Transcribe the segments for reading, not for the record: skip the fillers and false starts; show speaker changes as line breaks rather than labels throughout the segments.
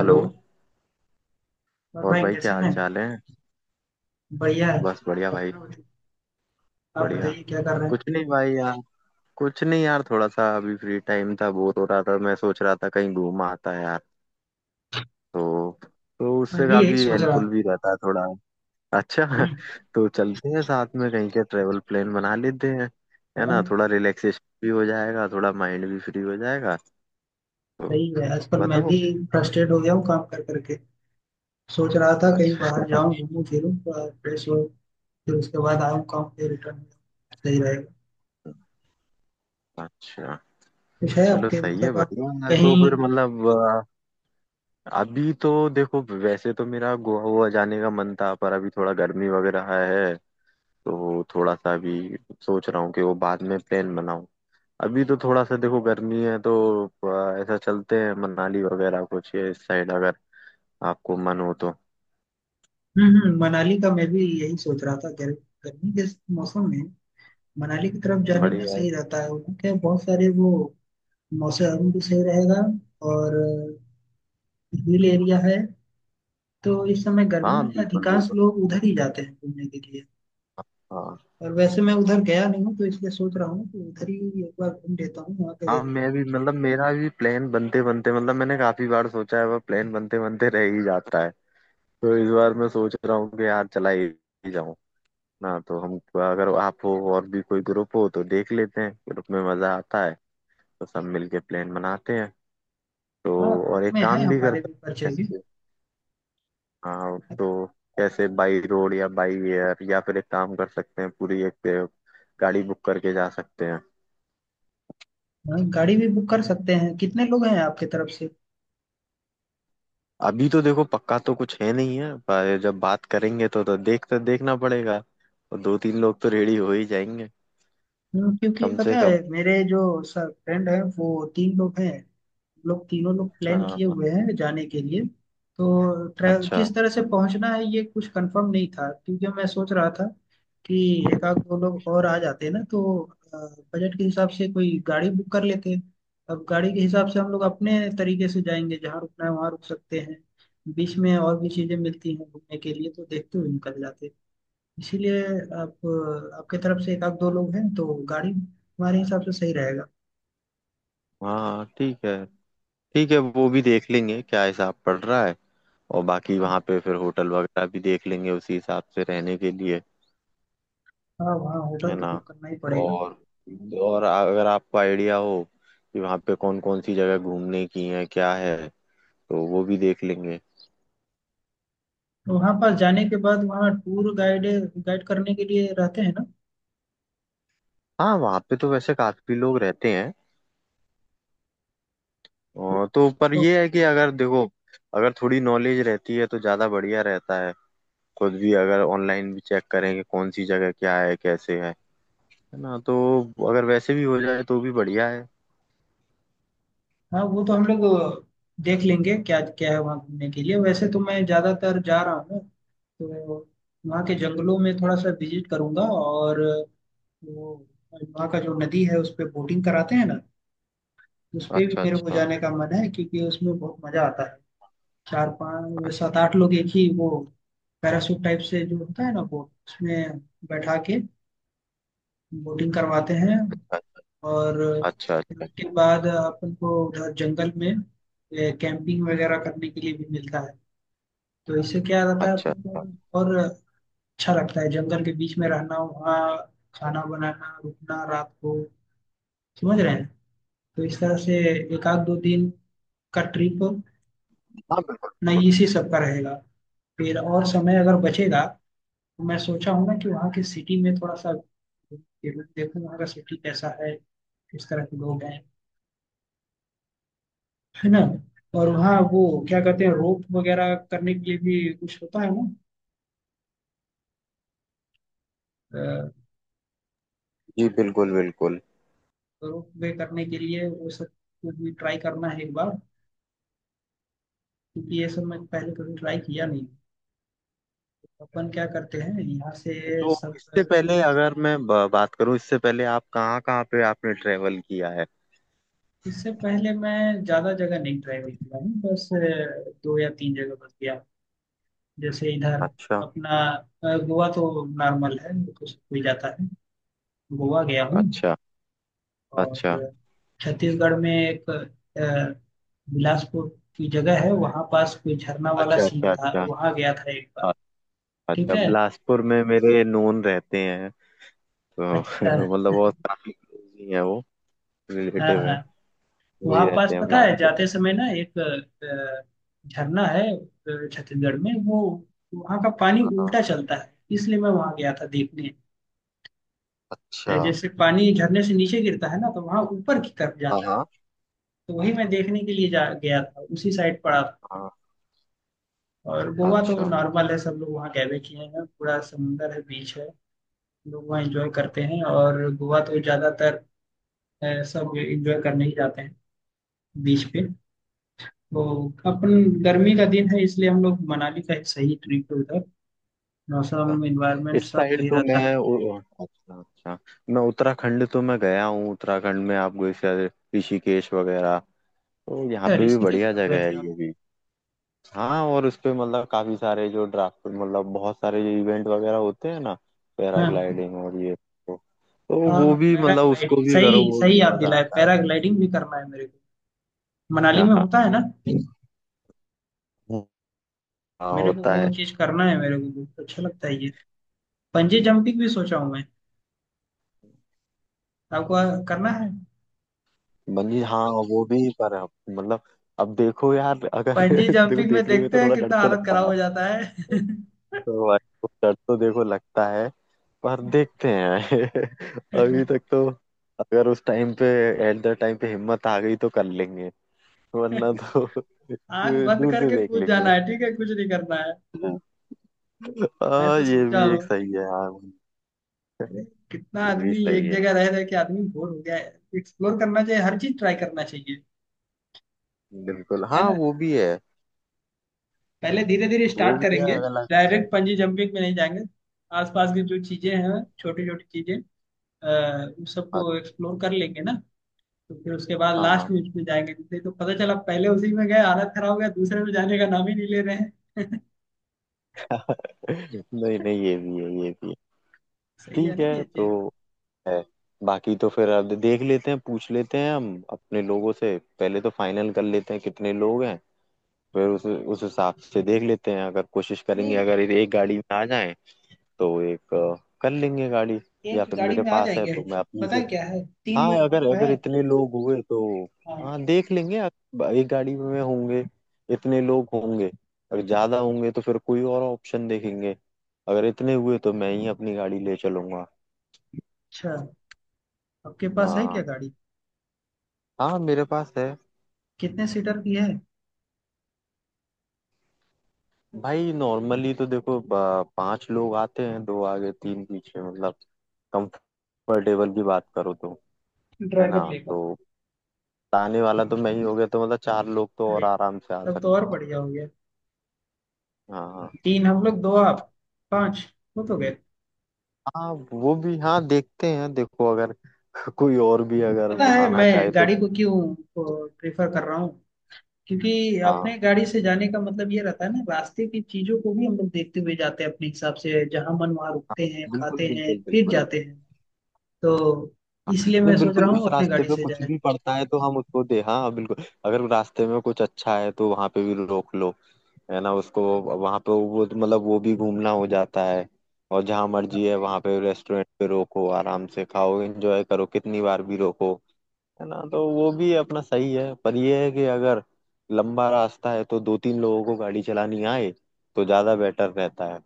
Hello. और
और
भाई
भाई
कैसे
क्या हाल
हैं।
चाल है।
बढ़िया है।
बस बढ़िया भाई।
अपना बताइए- आप
बढ़िया।
बताइए क्या कर रहे हैं।
कुछ नहीं भाई यार। कुछ नहीं यार थोड़ा सा अभी फ्री टाइम था बोर हो रहा था मैं सोच रहा था कहीं घूम आता है यार। तो तो
मैं
उससे
भी यही
काफी
सोच रहा
हेल्पफुल
था।
भी रहता है थोड़ा। अच्छा
हम्म।
तो चलते हैं साथ में कहीं के ट्रेवल प्लान बना लेते हैं। है
हाँ,
ना थोड़ा रिलैक्सेशन भी हो जाएगा थोड़ा माइंड भी फ्री हो जाएगा। तो
सही है। आजकल मैं
बताओ।
भी फ्रस्ट्रेट हो गया हूँ काम कर करके। सोच रहा था कहीं बाहर
अच्छा
जाऊँ घूमूं फिरूं थोड़ा फ्रेश हो फिर उसके बाद आऊँ काम पे रिटर्न। सही रहेगा।
अच्छा।
कुछ है
चलो
आपके
सही है
मतलब आप
बढ़िया यार तो
कहीं।
फिर मतलब। अभी तो देखो वैसे तो मेरा गोवा वोवा जाने का मन था पर अभी थोड़ा गर्मी वगैरह है। तो थोड़ा सा अभी सोच रहा हूँ कि वो बाद में प्लान बनाऊं। अभी तो थोड़ा सा देखो गर्मी है तो ऐसा चलते हैं मनाली वगैरह कुछ ये इस साइड अगर आपको मन हो तो।
मनाली का मैं भी यही सोच रहा था। गर्मी गर्मी के मौसम में मनाली की तरफ जाने में
बढ़िया है।
सही रहता है। उनके बहुत सारे वो मौसम भी सही रहेगा। और हिल एरिया है तो इस समय गर्मी
हाँ
में
बिल्कुल
अधिकांश
बिल्कुल।
लोग उधर ही जाते हैं घूमने के लिए।
हाँ
और वैसे मैं उधर गया नहीं हूँ तो इसलिए सोच रहा हूँ कि उधर ही एक बार घूम लेता हूँ वहाँ का
हाँ।
एरिया।
मैं भी मतलब मेरा भी प्लान बनते बनते मतलब मैंने काफी बार सोचा है पर प्लान बनते बनते रह ही जाता है। तो इस बार मैं सोच रहा हूँ कि यार चला ही जाऊं। ना तो हम अगर आप हो और भी कोई ग्रुप हो तो देख लेते हैं ग्रुप में मजा आता है। तो सब मिलके प्लान बनाते हैं। तो
हाँ ग्रुप
और एक
में है
काम भी कर
हमारे भी परिचय के।
सकते हैं। हाँ तो कैसे बाई रोड या बाई एयर या फिर एक काम कर सकते हैं पूरी एक गाड़ी बुक करके जा सकते हैं।
हाँ, गाड़ी भी बुक कर सकते हैं। कितने लोग हैं आपके तरफ से।
अभी तो देखो पक्का तो कुछ है नहीं है पर जब बात करेंगे तो देख तो देखना पड़ेगा। और दो तीन लोग तो रेडी हो ही जाएंगे
क्योंकि
कम
पता
से कम।
है मेरे जो सर फ्रेंड है वो तीन लोग हैं। हम लोग तीनों लोग
हाँ
प्लान किए
हाँ।
हुए हैं जाने के लिए। तो ट्रैव
अच्छा।
किस तरह से पहुंचना है ये कुछ कंफर्म नहीं था क्योंकि मैं सोच रहा था कि एक आध दो लोग और आ जाते हैं ना तो अ, बजट के हिसाब से कोई गाड़ी बुक कर लेते हैं। अब गाड़ी के हिसाब से हम लोग अपने तरीके से जाएंगे जहाँ रुकना है वहाँ रुक सकते हैं। बीच में और भी चीज़ें मिलती हैं घूमने के लिए तो देखते हुए निकल जाते हैं। इसीलिए आप आपके तरफ से एक आध दो लोग हैं तो गाड़ी हमारे हिसाब से सही रहेगा।
हाँ ठीक है। ठीक है वो भी देख लेंगे क्या हिसाब पड़ रहा है। और बाकी वहाँ पे फिर होटल वगैरह भी देख लेंगे उसी हिसाब से रहने के लिए।
हाँ वहाँ
है
होटल तो
ना।
बुक करना ही पड़ेगा।
और और अगर आपको आइडिया हो कि वहाँ पे कौन कौन सी जगह घूमने की है क्या है तो वो भी देख लेंगे।
तो वहाँ पर जाने के बाद वहाँ टूर गाइड गाइड करने के लिए रहते हैं ना।
हाँ वहाँ पे तो वैसे काफी लोग रहते हैं। और तो पर
तो
ये है कि अगर देखो अगर थोड़ी नॉलेज रहती है तो ज्यादा बढ़िया रहता है। खुद भी अगर ऑनलाइन भी चेक करें कि कौन सी जगह क्या है कैसे है। है ना तो अगर वैसे भी हो जाए तो भी बढ़िया है।
हाँ वो तो हम लोग देख लेंगे क्या क्या है वहाँ घूमने के लिए। वैसे तो मैं ज़्यादातर जा रहा हूँ तो वहाँ के जंगलों में थोड़ा सा विजिट करूंगा। और वो वहाँ का जो नदी है उस पर बोटिंग कराते हैं ना उस पे भी
अच्छा
मेरे को
अच्छा
जाने का मन है क्योंकि उसमें बहुत मज़ा आता है। चार पाँच
अच्छा।
सात आठ लोग एक ही वो पैराशूट टाइप से जो होता है ना बोट उसमें बैठा के बोटिंग करवाते हैं। और
अच्छा
फिर
अच्छा
उसके
अच्छा
बाद अपन को उधर जंगल में कैंपिंग वगैरह करने के लिए भी मिलता है। तो इससे क्या रहता है
अच्छा
अपन
अच्छा।
को और अच्छा लगता है जंगल के बीच में रहना। वहाँ खाना बनाना रुकना रात को समझ रहे हैं। तो इस तरह से एक आध दो दिन का ट्रिप
हाँ बिल्कुल।
नहीं इसी सब का रहेगा। फिर और समय अगर बचेगा तो मैं सोचा हूँ ना कि वहाँ की सिटी में थोड़ा सा घूम के देखूँ वहाँ का सिटी कैसा है किस तरह के लोग हैं है ना। और वहाँ वो क्या कहते हैं रोप वगैरह करने के लिए भी कुछ होता है ना।
जी बिल्कुल बिल्कुल।
रोप वे करने के लिए वो सब कुछ भी ट्राई करना है एक बार क्योंकि ये सब मैं पहले कभी ट्राई किया नहीं। अपन क्या करते हैं यहाँ से
तो
सब।
इससे पहले अगर मैं बात करूं इससे पहले आप कहाँ कहाँ पे आपने ट्रेवल किया है।
इससे पहले मैं ज़्यादा जगह नहीं ट्राई किया हूँ। बस दो या तीन जगह बस गया। जैसे इधर
अच्छा
अपना गोवा तो नॉर्मल है तो सब कोई जाता है। गोवा गया हूँ।
अच्छा
और
अच्छा
छत्तीसगढ़ में एक बिलासपुर की जगह है वहाँ पास कोई झरना वाला
अच्छा
सीन
अच्छा
था
अच्छा।
वहाँ गया था एक बार।
अ-
ठीक
अच्छा
है।
बिलासपुर में मेरे नोन रहते हैं। तो
अच्छा।
मतलब बहुत काफी क्लोज ही है वो।
हाँ
रिलेटिव है।
हाँ।
वही
वहाँ पास
रहते हैं
पता है
बिलासपुर में।
जाते समय ना एक झरना है छत्तीसगढ़ में। वो वहाँ का पानी
हाँ।
उल्टा चलता है इसलिए मैं वहाँ गया था देखने।
अच्छा।
जैसे पानी झरने से नीचे गिरता है ना तो वहाँ ऊपर की तरफ
हाँ
जाता है।
हाँ
तो वही मैं देखने के लिए जा गया था उसी साइड पड़ा था।
हाँ।
और गोवा तो
अच्छा।
नॉर्मल है। सब लोग वहाँ गए हुए किए हैं। पूरा समुंदर है बीच है। गोवा एंजॉय करते हैं। और गोवा तो ज्यादातर सब एंजॉय करने ही जाते हैं बीच पे। तो अपन गर्मी का दिन है इसलिए हम लोग मनाली का एक सही ट्रिप है उधर। मौसम इन्वायरमेंट
इस
सब
साइड
सही
तो
रहता है।
मैं उ- अच्छा अच्छा। मैं उत्तराखंड तो मैं गया हूँ उत्तराखंड में आपको जैसे ऋषिकेश वगैरह तो यहाँ
अच्छा
पे भी
ऋषिकेश
बढ़िया
कब गए
जगह
थे
है
आप।
ये भी। हाँ और उस पे मतलब काफी सारे जो ड्राफ्ट मतलब बहुत सारे जो इवेंट वगैरह होते हैं ना
हाँ।
पैराग्लाइडिंग और ये तो,
हाँ
वो
हाँ,
भी मतलब उसको
पैराग्लाइडिंग
भी करो
सही
वो
सही
भी
याद
मजा
दिलाए।
आता है।
पैराग्लाइडिंग भी करना है मेरे को। मनाली में होता है ना।
हाँ
मेरे को
होता
वो
है।
चीज करना है। मेरे को बहुत अच्छा लगता है ये। पंजी जंपिंग भी सोचा हूँ मैं। आपको करना है।
बंजी हाँ वो भी पर मतलब अब देखो यार अगर
पंजी
देखो
जंपिंग में
देखने में
देखते
तो
हैं
थोड़ा डर
कितना
तो
हालत
लगता
खराब
है।
हो जाता
तो भाई वो डर तो देखो लगता है। पर देखते हैं अभी
है।
तक तो अगर उस टाइम पे एट द टाइम पे हिम्मत आ गई तो कर लेंगे वरना तो
आंख बंद
दूर से
करके
देख
कूद
लेंगे।
जाना है ठीक है कुछ नहीं करना है। मैं
हाँ
तो
ये
सोचा
भी एक
हूँ
सही है हाँ।
अरे कितना
ये भी
आदमी
सही
एक जगह
है
रह रहे के आदमी बोर हो गया है। एक्सप्लोर करना चाहिए हर चीज ट्राई करना चाहिए
बिल्कुल
है
हाँ
ना। पहले धीरे धीरे
वो
स्टार्ट
भी है
करेंगे।
अगला।
डायरेक्ट पंजी जंपिंग में नहीं जाएंगे। आसपास की जो चीजें हैं छोटी छोटी चीजें अ, उन सबको एक्सप्लोर कर लेंगे ना। तो फिर उसके बाद
अच्छा हाँ।
लास्ट में उसमें जाएंगे नहीं तो पता चला पहले उसी में गए हालत खराब हो गया दूसरे में जाने का नाम ही नहीं ले रहे हैं।
नहीं नहीं ये भी है ये भी है।
सही है
ठीक
ना ये
है तो
चीज।
है। बाकी तो फिर अब देख लेते हैं पूछ लेते हैं हम अपने लोगों से पहले तो फाइनल कर लेते हैं कितने लोग हैं। फिर उस हिसाब से देख लेते हैं अगर कोशिश करेंगे
नहीं
अगर ये एक गाड़ी में आ जाएं तो एक कर लेंगे गाड़ी।
एक
या फिर
गाड़ी
मेरे
में आ
पास है
जाएंगे।
तो मैं अपनी
पता है
से।
क्या है तीन
हाँ
लोग हम
अगर
लोग
अगर
हैं।
इतने लोग हुए तो।
हाँ।
हाँ देख लेंगे अगर एक गाड़ी में होंगे इतने लोग होंगे अगर ज्यादा होंगे तो फिर कोई और ऑप्शन देखेंगे। अगर इतने हुए तो मैं ही अपनी गाड़ी ले चलूंगा।
अच्छा आपके पास है क्या
हाँ
गाड़ी।
हाँ मेरे पास है।
कितने सीटर की है।
भाई नॉर्मली तो देखो पांच लोग आते हैं दो आगे तीन पीछे मतलब कंफर्टेबल की बात करो तो है ना।
ड्राइवर
तो
लेकर।
ताने वाला तो मैं ही हो गया तो मतलब चार लोग तो
अरे
और आराम से आ
तब तो और
सकते
बढ़िया हो गया।
हैं। हाँ हाँ।
तीन हम लोग दो आप पांच हो तो गए।
हाँ वो भी हाँ देखते हैं देखो अगर कोई और भी अगर
पता है
आना
मैं
चाहे तो।
गाड़ी को क्यों प्रेफर कर रहा हूँ। क्योंकि
हाँ
अपने गाड़ी से जाने का मतलब ये रहता है ना रास्ते की चीजों को भी हम लोग देखते हुए जाते हैं अपने हिसाब से जहाँ मन वहाँ
हाँ,
रुकते हैं
बिल्कुल
खाते हैं
बिल्कुल
फिर
बिल्कुल।
जाते हैं। तो
हाँ,
इसलिए
नहीं
मैं सोच
बिल्कुल
रहा
उस
हूँ अपने
रास्ते
गाड़ी
पे
से
कुछ
जाए।
भी पड़ता है तो हम उसको दे हाँ बिल्कुल अगर रास्ते में कुछ अच्छा है तो वहां पे भी रोक लो। है ना उसको वहां पे वो मतलब वो भी घूमना हो जाता है। और जहाँ मर्जी है वहां पे रेस्टोरेंट पे रोको आराम से खाओ एंजॉय करो कितनी बार भी रोको। है ना तो वो भी अपना सही है पर ये है कि अगर लंबा रास्ता है तो दो तीन लोगों को गाड़ी चलानी आए तो ज्यादा बेटर रहता है।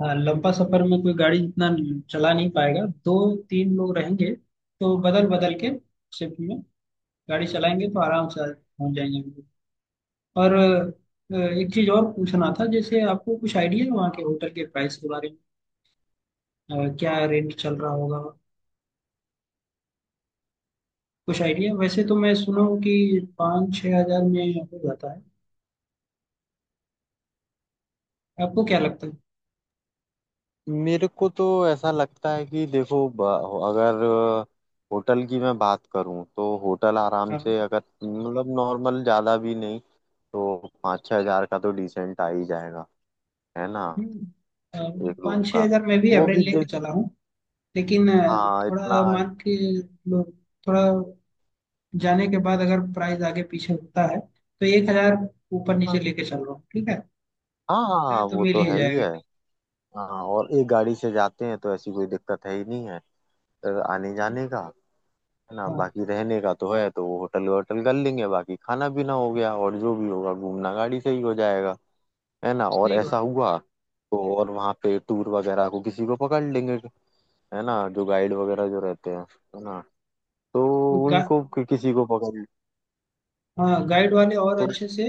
हाँ लंबा सफर में कोई गाड़ी इतना चला नहीं पाएगा। दो तीन लोग रहेंगे तो बदल बदल के शिफ्ट में गाड़ी चलाएंगे तो आराम से पहुंच जाएंगे हम लोग। और एक चीज और पूछना था। जैसे आपको कुछ आइडिया है वहाँ के होटल के प्राइस के बारे में क्या रेंट चल रहा होगा। कुछ आइडिया वैसे तो मैं सुना हूँ कि 5-6 हजार में हो जाता है। आपको क्या लगता है।
मेरे को तो ऐसा लगता है कि देखो अगर होटल की मैं बात करूं तो होटल आराम
हाँ।
से अगर मतलब नॉर्मल ज्यादा भी नहीं तो 5-6 हज़ार का तो डिसेंट आ ही जाएगा है ना
हम्म, अ,
एक रूम
पाँच छः
का।
हजार में भी
वो
एवरेज
भी
लेके
देख।
चला हूँ। लेकिन
हाँ इतना।
थोड़ा मान के लो, थोड़ा जाने के बाद अगर प्राइस आगे पीछे होता है तो 1 हजार ऊपर
हाँ
नीचे लेके चल रहा हूँ। ठीक है
हाँ हाँ,
तो
वो
मिल
तो
ही
है ही
जाएगा।
है। हाँ और एक गाड़ी से जाते हैं तो ऐसी कोई दिक्कत है ही नहीं है आने जाने का। है ना
हाँ
बाकी रहने का तो है तो वो होटल वोटल कर लेंगे बाकी खाना पीना हो गया और जो भी होगा घूमना गाड़ी से ही हो जाएगा। है ना और
सही
ऐसा
बात।
हुआ तो और वहाँ पे टूर वगैरह को किसी को पकड़ लेंगे। है ना जो गाइड वगैरह जो रहते हैं है ना तो
गा,
उनको किसी को पकड़।
हाँ गाइड वाले और
तो
अच्छे से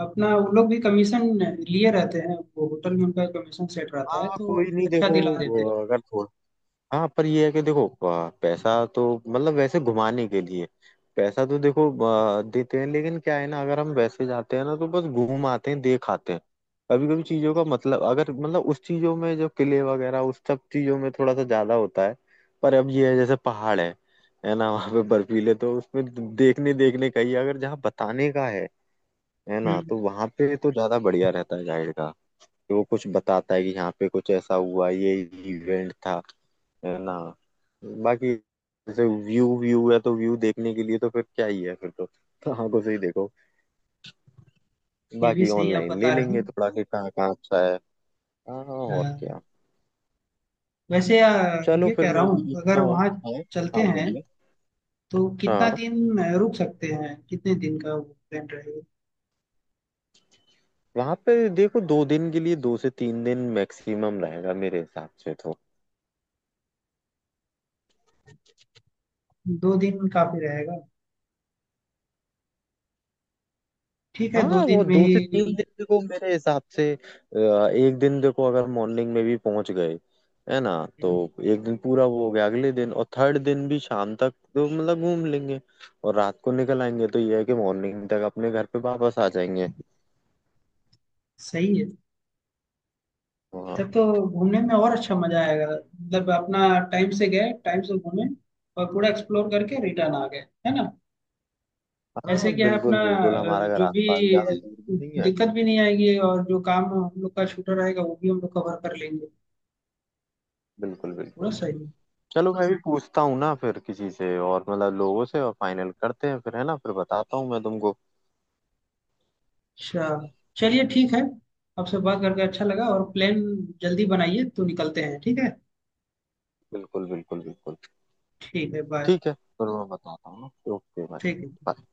अपना वो लोग भी कमीशन लिए रहते हैं। वो होटल में उनका कमीशन सेट रहता है
हाँ
तो
कोई नहीं
अच्छा
देखो
दिला देते हैं।
अगर थोड़ा। हाँ पर ये है कि देखो पैसा तो मतलब वैसे घुमाने के लिए पैसा तो देखो देते हैं लेकिन क्या है ना अगर हम वैसे जाते हैं ना तो बस घूम आते हैं देख आते हैं। कभी कभी चीजों का मतलब अगर मतलब उस चीजों में जो किले वगैरह उस सब चीजों में थोड़ा सा ज्यादा होता है। पर अब ये है जैसे पहाड़ है ना वहाँ पे बर्फीले तो उसमें देखने देखने का ही है। अगर जहाँ बताने का है ना
हम्म,
तो वहाँ पे तो ज्यादा बढ़िया रहता है गाइड का कि वो कुछ बताता है कि यहाँ पे कुछ ऐसा हुआ ये इवेंट था। है ना बाकी जैसे व्यू व्यू है तो व्यू देखने के लिए तो फिर क्या ही है फिर तो आंखों से ही देखो।
ये भी
बाकी
सही आप
ऑनलाइन ले
बता रहे हैं।
लेंगे थोड़ा कि कहाँ कहाँ अच्छा है। हाँ हाँ,
अ,
और क्या।
वैसे
चलो
ये
फिर
कह रहा
मैं भी
हूँ
देखता
अगर
हूँ।
वहाँ
हाँ
चलते
हाँ
हैं
बोलिए।
तो कितना
हाँ
दिन रुक सकते हैं। कितने दिन का प्लान रहेगा।
वहां पे देखो 2 दिन के लिए 2 से 3 दिन मैक्सिमम रहेगा मेरे हिसाब से तो।
2 दिन काफी रहेगा। ठीक है दो
हाँ वो
दिन में
दो
ही।
से तीन दिन देखो मेरे हिसाब से एक दिन देखो अगर मॉर्निंग में भी पहुंच गए है ना। तो
हम्म,
एक दिन पूरा वो हो गया अगले दिन और थर्ड दिन भी शाम तक तो मतलब घूम लेंगे और रात को निकल आएंगे तो ये है कि मॉर्निंग तक अपने घर पे वापस आ जाएंगे
सही है।
वहाँ।
तब तो घूमने में और अच्छा मजा आएगा मतलब अपना टाइम से गए टाइम से घूमे और पूरा एक्सप्लोर करके रिटर्न आ गए है ना।
हाँ
ऐसे क्या है अपना
बिल्कुल बिल्कुल हमारा घर
जो
आस
भी
पास ज्यादा दूर भी नहीं है।
दिक्कत भी नहीं आएगी और जो काम हम लोग का छूटा रहेगा वो भी हम लोग कवर कर लेंगे।
बिल्कुल बिल्कुल।
पूरा सही है।
चलो मैं भी पूछता हूँ ना फिर किसी से और मतलब लोगों से और फाइनल करते हैं फिर है ना फिर बताता हूँ मैं तुमको।
अच्छा चलिए ठीक है। आपसे बात करके अच्छा लगा। और प्लान जल्दी बनाइए तो निकलते हैं ठीक है।
बिल्कुल बिल्कुल बिल्कुल।
ठीक है बाय।
ठीक है फिर मैं बताता हूँ ना। ओके बाय
ठीक है।
बाय।